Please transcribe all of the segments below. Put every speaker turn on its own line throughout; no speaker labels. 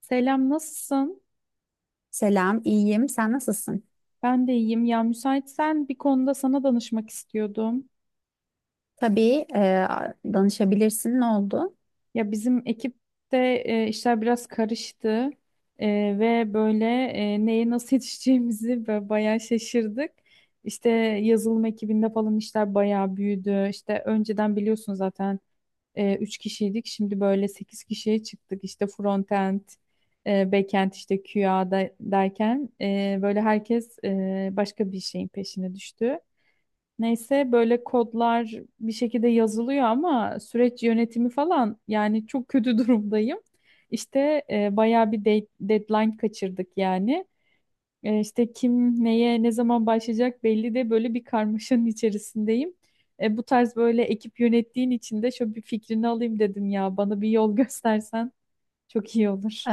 Selam, nasılsın?
Selam, iyiyim. Sen nasılsın?
Ben de iyiyim. Ya müsaitsen bir konuda sana danışmak istiyordum.
Tabii danışabilirsin. Ne oldu?
Ya bizim ekipte işler biraz karıştı E, ve böyle neye nasıl yetişeceğimizi böyle bayağı şaşırdık. İşte yazılım ekibinde falan işler bayağı büyüdü. İşte önceden biliyorsun zaten 3 kişiydik. Şimdi böyle 8 kişiye çıktık. İşte frontend, backend, işte QA derken böyle herkes başka bir şeyin peşine düştü. Neyse böyle kodlar bir şekilde yazılıyor ama süreç yönetimi falan yani çok kötü durumdayım. İşte bayağı bir deadline kaçırdık yani. İşte kim neye ne zaman başlayacak belli de böyle bir karmaşanın içerisindeyim. Bu tarz böyle ekip yönettiğin için de şöyle bir fikrini alayım dedim ya bana bir yol göstersen çok iyi olur.
E,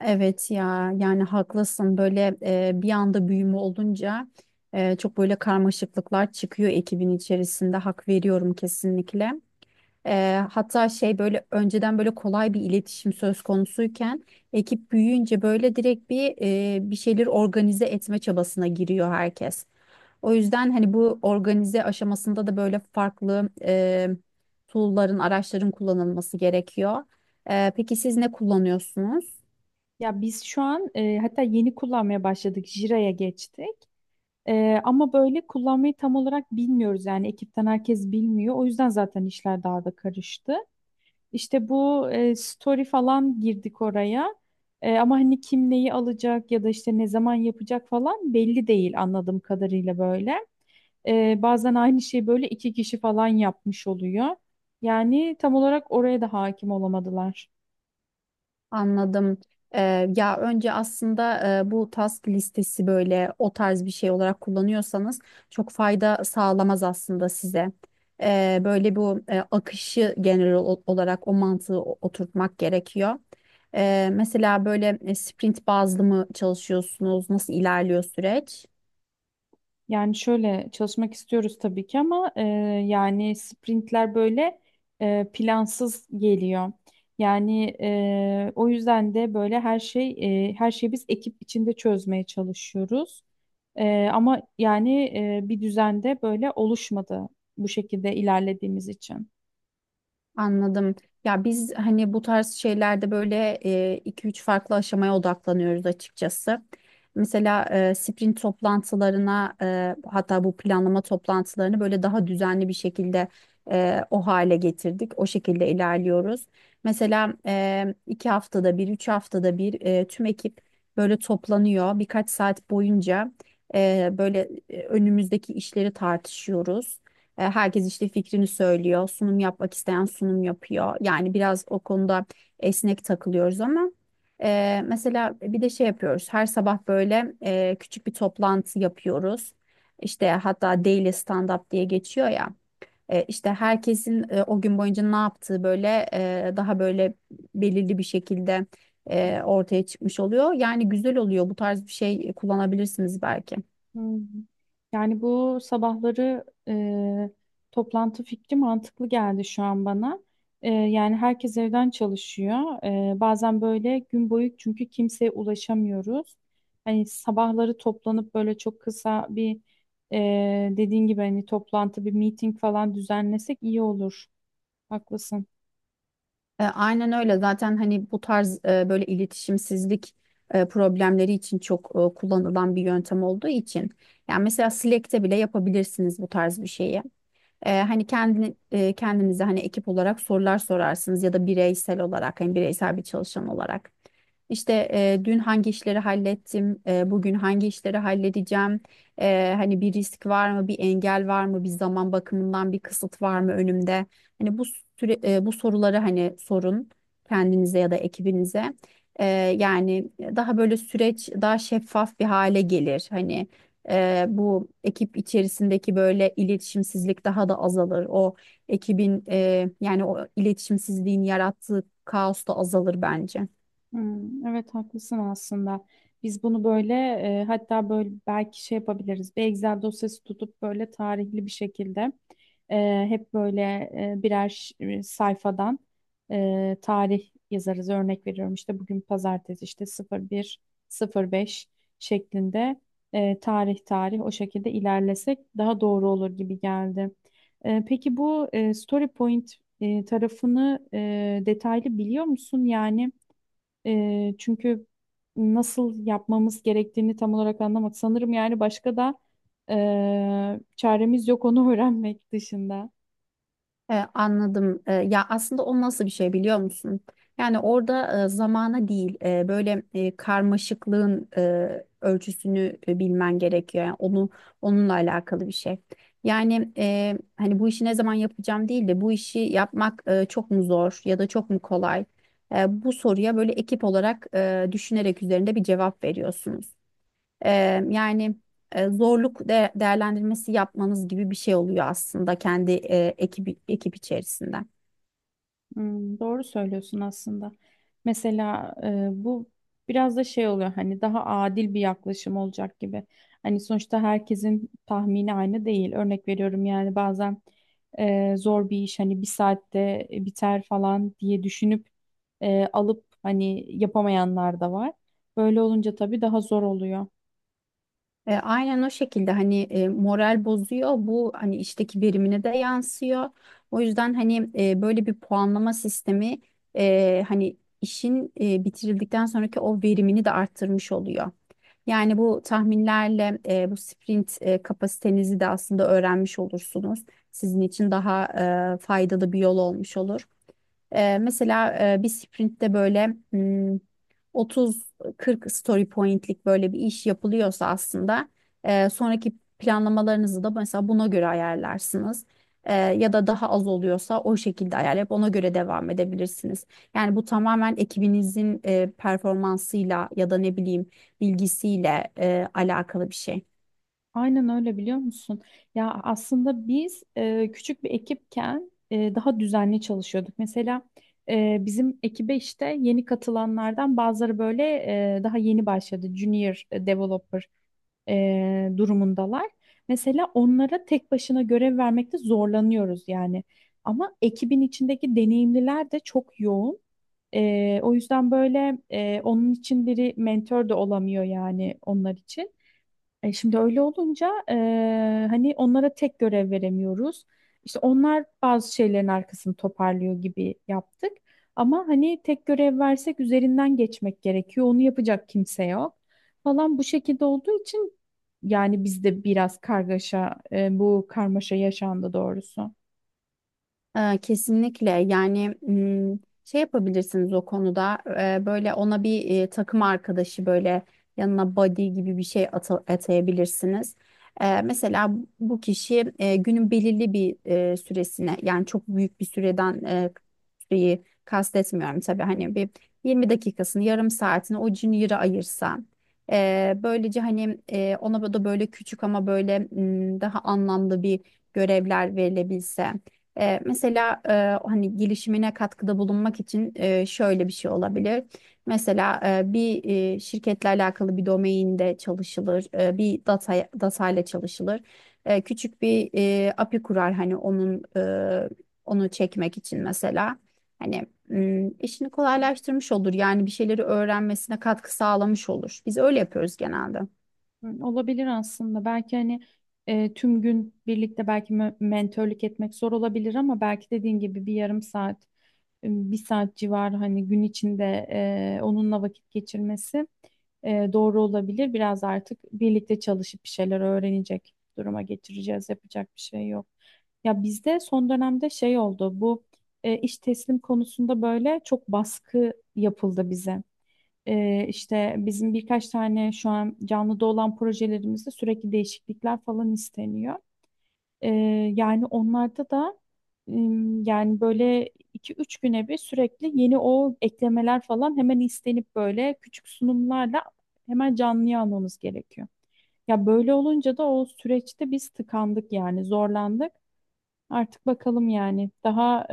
evet ya, yani haklısın. Böyle bir anda büyüme olunca çok böyle karmaşıklıklar çıkıyor ekibin içerisinde. Hak veriyorum kesinlikle. Hatta şey böyle önceden böyle kolay bir iletişim söz konusuyken ekip büyüyünce böyle direkt bir şeyleri organize etme çabasına giriyor herkes. O yüzden hani bu organize aşamasında da böyle farklı tool'ların, araçların kullanılması gerekiyor. Peki siz ne kullanıyorsunuz?
Ya biz şu an hatta yeni kullanmaya başladık Jira'ya geçtik. Ama böyle kullanmayı tam olarak bilmiyoruz yani ekipten herkes bilmiyor. O yüzden zaten işler daha da karıştı. İşte bu story falan girdik oraya. Ama hani kim neyi alacak ya da işte ne zaman yapacak falan belli değil anladığım kadarıyla böyle. Bazen aynı şeyi böyle iki kişi falan yapmış oluyor. Yani tam olarak oraya da hakim olamadılar.
Anladım. E, ya önce aslında bu task listesi böyle o tarz bir şey olarak kullanıyorsanız çok fayda sağlamaz aslında size. Böyle bu akışı genel olarak o mantığı oturtmak gerekiyor. Mesela böyle sprint bazlı mı çalışıyorsunuz? Nasıl ilerliyor süreç?
Yani şöyle çalışmak istiyoruz tabii ki ama yani sprintler böyle plansız geliyor. Yani o yüzden de böyle her şeyi biz ekip içinde çözmeye çalışıyoruz. Ama yani bir düzende böyle oluşmadı bu şekilde ilerlediğimiz için.
Anladım. Ya biz hani bu tarz şeylerde böyle iki üç farklı aşamaya odaklanıyoruz açıkçası. Mesela sprint toplantılarına hatta bu planlama toplantılarını böyle daha düzenli bir şekilde o hale getirdik. O şekilde ilerliyoruz. Mesela iki haftada bir, üç haftada bir tüm ekip böyle toplanıyor. Birkaç saat boyunca önümüzdeki işleri tartışıyoruz. Herkes işte fikrini söylüyor. Sunum yapmak isteyen sunum yapıyor. Yani biraz o konuda esnek takılıyoruz ama mesela bir de şey yapıyoruz. Her sabah böyle küçük bir toplantı yapıyoruz. İşte hatta daily stand up diye geçiyor ya. İşte herkesin o gün boyunca ne yaptığı daha belirli bir şekilde ortaya çıkmış oluyor. Yani güzel oluyor. Bu tarz bir şey kullanabilirsiniz belki.
Hmm. Yani bu sabahları toplantı fikri mantıklı geldi şu an bana. Yani herkes evden çalışıyor. Bazen böyle gün boyu çünkü kimseye ulaşamıyoruz. Hani sabahları toplanıp böyle çok kısa bir e, dediğin gibi hani toplantı bir meeting falan düzenlesek iyi olur. Haklısın.
Aynen öyle. Zaten hani bu tarz böyle iletişimsizlik problemleri için çok kullanılan bir yöntem olduğu için. Yani mesela Slack'te bile yapabilirsiniz bu tarz bir şeyi. Hani kendinize hani ekip olarak sorular sorarsınız ya da bireysel olarak hani bireysel bir çalışan olarak. İşte dün hangi işleri hallettim, bugün hangi işleri halledeceğim, hani bir risk var mı, bir engel var mı, bir zaman bakımından bir kısıt var mı önümde? Hani bu soruları hani sorun kendinize ya da ekibinize. E, Yani daha böyle süreç daha şeffaf bir hale gelir. Hani, bu ekip içerisindeki böyle iletişimsizlik daha da azalır. O ekibin, yani o iletişimsizliğin yarattığı kaos da azalır bence.
Hmm, evet haklısın aslında. Biz bunu böyle hatta böyle belki şey yapabiliriz. Bir Excel dosyası tutup böyle tarihli bir şekilde hep böyle birer sayfadan tarih yazarız. Örnek veriyorum işte bugün pazartesi işte 01 05 şeklinde tarih tarih o şekilde ilerlesek daha doğru olur gibi geldi. Peki bu story point tarafını detaylı biliyor musun? Yani çünkü nasıl yapmamız gerektiğini tam olarak anlamadık. Sanırım yani başka da çaremiz yok onu öğrenmek dışında.
Anladım. Ya aslında o nasıl bir şey biliyor musun? Yani orada zamana değil karmaşıklığın ölçüsünü bilmen gerekiyor. Yani onu onunla alakalı bir şey. Yani hani bu işi ne zaman yapacağım değil de bu işi yapmak çok mu zor ya da çok mu kolay? Bu soruya böyle ekip olarak düşünerek üzerinde bir cevap veriyorsunuz. E, Yani zorluk değerlendirmesi yapmanız gibi bir şey oluyor aslında kendi ekip içerisinde.
Hmm, doğru söylüyorsun aslında. Mesela bu biraz da şey oluyor hani daha adil bir yaklaşım olacak gibi. Hani sonuçta herkesin tahmini aynı değil. Örnek veriyorum yani bazen zor bir iş hani bir saatte biter falan diye düşünüp alıp hani yapamayanlar da var. Böyle olunca tabii daha zor oluyor.
Aynen o şekilde hani moral bozuyor bu hani işteki verimine de yansıyor. O yüzden hani böyle bir puanlama sistemi hani işin bitirildikten sonraki o verimini de arttırmış oluyor. Yani bu tahminlerle bu sprint kapasitenizi de aslında öğrenmiş olursunuz. Sizin için daha faydalı bir yol olmuş olur. Mesela bir sprintte böyle 30-40 story pointlik böyle bir iş yapılıyorsa aslında sonraki planlamalarınızı da mesela buna göre ayarlarsınız. Ya da daha az oluyorsa o şekilde ayarlayıp ona göre devam edebilirsiniz. Yani bu tamamen ekibinizin performansıyla ya da ne bileyim bilgisiyle alakalı bir şey.
Aynen öyle biliyor musun? Ya aslında biz küçük bir ekipken daha düzenli çalışıyorduk. Mesela bizim ekibe işte yeni katılanlardan bazıları böyle daha yeni başladı. Junior developer durumundalar. Mesela onlara tek başına görev vermekte zorlanıyoruz yani. Ama ekibin içindeki deneyimliler de çok yoğun. O yüzden böyle onun için biri mentor da olamıyor yani onlar için. Şimdi öyle olunca hani onlara tek görev veremiyoruz. İşte onlar bazı şeylerin arkasını toparlıyor gibi yaptık. Ama hani tek görev versek üzerinden geçmek gerekiyor. Onu yapacak kimse yok falan bu şekilde olduğu için yani bizde biraz kargaşa bu karmaşa yaşandı doğrusu.
Kesinlikle yani, şey yapabilirsiniz o konuda. Böyle ona bir takım arkadaşı böyle yanına buddy gibi bir şey atayabilirsiniz. Mesela bu kişi günün belirli bir süresine yani çok büyük bir süreden, süreyi kastetmiyorum tabii hani bir 20 dakikasını yarım saatini o Junior'a ayırsa böylece hani ona da böyle küçük ama böyle daha anlamlı bir görevler verilebilse. Mesela hani gelişimine katkıda bulunmak için şöyle bir şey olabilir. Mesela şirketle alakalı bir domainde çalışılır, bir data ile çalışılır. Küçük bir API kurar hani onun, onu çekmek için mesela. Hani işini kolaylaştırmış olur yani bir şeyleri öğrenmesine katkı sağlamış olur. Biz öyle yapıyoruz genelde.
Hı, olabilir aslında. Belki hani tüm gün birlikte belki mentörlük etmek zor olabilir ama belki dediğin gibi bir yarım saat bir saat civarı hani gün içinde onunla vakit geçirmesi doğru olabilir. Biraz artık birlikte çalışıp bir şeyler öğrenecek duruma getireceğiz. Yapacak bir şey yok. Ya bizde son dönemde şey oldu. Bu iş teslim konusunda böyle çok baskı yapıldı bize. İşte bizim birkaç tane şu an canlıda olan projelerimizde sürekli değişiklikler falan isteniyor. Ee, Yani onlarda da yani böyle iki üç güne bir sürekli yeni o eklemeler falan hemen istenip böyle küçük sunumlarla hemen canlıya almamız gerekiyor. Ya böyle olunca da o süreçte biz tıkandık yani zorlandık. Artık bakalım yani daha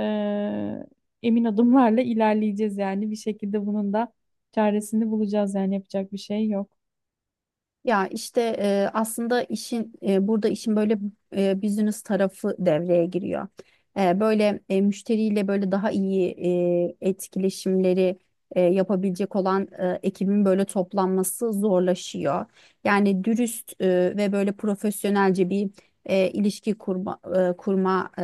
emin adımlarla ilerleyeceğiz yani bir şekilde bunun da çaresini bulacağız yani yapacak bir şey yok.
Ya işte aslında burada işin böyle business tarafı devreye giriyor. Böyle müşteriyle böyle daha iyi etkileşimleri yapabilecek olan ekibin böyle toplanması zorlaşıyor. Yani dürüst ve böyle profesyonelce bir ilişki kurma,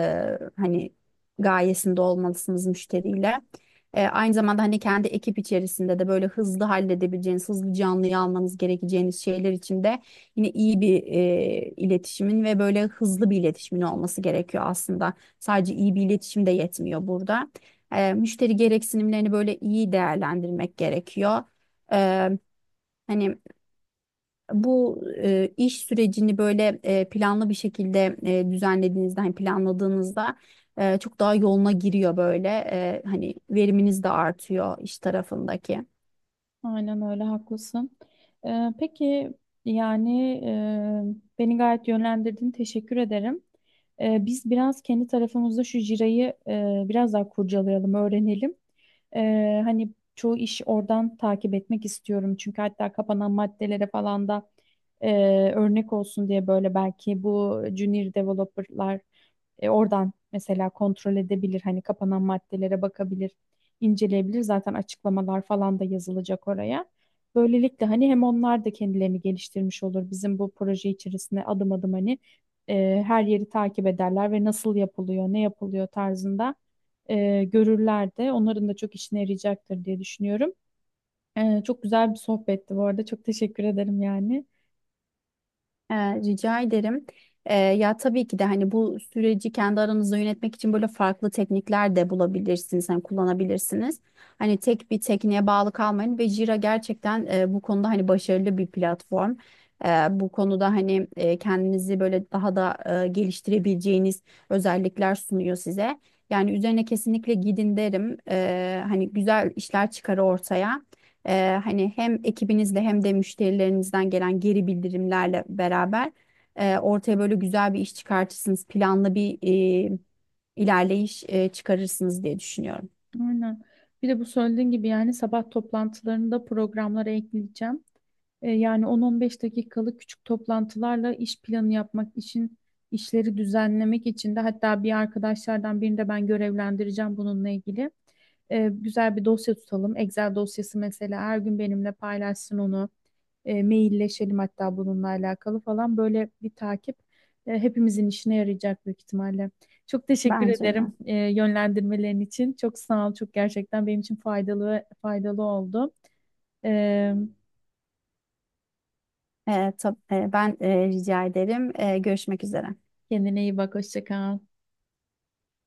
hani gayesinde olmalısınız müşteriyle. Aynı zamanda hani kendi ekip içerisinde de böyle hızlı halledebileceğiniz, hızlı canlıyı almanız gerekeceğiniz şeyler için de yine iyi bir iletişimin ve böyle hızlı bir iletişimin olması gerekiyor aslında. Sadece iyi bir iletişim de yetmiyor burada. Müşteri gereksinimlerini böyle iyi değerlendirmek gerekiyor. E, Hani bu iş sürecini böyle planlı bir şekilde düzenlediğinizde, hani planladığınızda çok daha yoluna giriyor böyle. Hani veriminiz de artıyor iş tarafındaki.
Aynen öyle haklısın. Peki yani beni gayet yönlendirdin. Teşekkür ederim. Biz biraz kendi tarafımızda şu jirayı biraz daha kurcalayalım, öğrenelim. Hani çoğu iş oradan takip etmek istiyorum. Çünkü hatta kapanan maddelere falan da e, örnek olsun diye böyle belki bu junior developerlar oradan mesela kontrol edebilir. Hani kapanan maddelere bakabilir inceleyebilir. Zaten açıklamalar falan da yazılacak oraya. Böylelikle hani hem onlar da kendilerini geliştirmiş olur. Bizim bu proje içerisinde adım adım hani her yeri takip ederler ve nasıl yapılıyor, ne yapılıyor tarzında görürler de. Onların da çok işine yarayacaktır diye düşünüyorum. Çok güzel bir sohbetti bu arada. Çok teşekkür ederim yani.
Rica ederim. Ya tabii ki de hani bu süreci kendi aranızda yönetmek için böyle farklı teknikler de bulabilirsiniz, hani kullanabilirsiniz. Hani tek bir tekniğe bağlı kalmayın ve Jira gerçekten bu konuda hani başarılı bir platform. Ee, Bu konuda hani kendinizi böyle daha da geliştirebileceğiniz özellikler sunuyor size. Yani üzerine kesinlikle gidin derim. Hani güzel işler çıkar ortaya. Hani hem ekibinizle hem de müşterilerinizden gelen geri bildirimlerle beraber ortaya böyle güzel bir iş çıkartırsınız. Planlı bir e, ilerleyiş çıkarırsınız diye düşünüyorum.
Aynen. Bir de bu söylediğin gibi yani sabah toplantılarını programlara ekleyeceğim. Yani 10-15 dakikalık küçük toplantılarla iş planı yapmak için, işleri düzenlemek için de hatta bir arkadaşlardan birini de ben görevlendireceğim bununla ilgili. Güzel bir dosya tutalım. Excel dosyası mesela her gün benimle paylaşsın onu. Mailleşelim hatta bununla alakalı falan böyle bir takip hepimizin işine yarayacak büyük ihtimalle. Çok teşekkür
Bence de.
ederim yönlendirmelerin için. Çok sağ ol. Çok gerçekten benim için faydalı faydalı oldu. E,
Ben rica ederim. Görüşmek üzere.
Kendine iyi bak. Hoşça kal.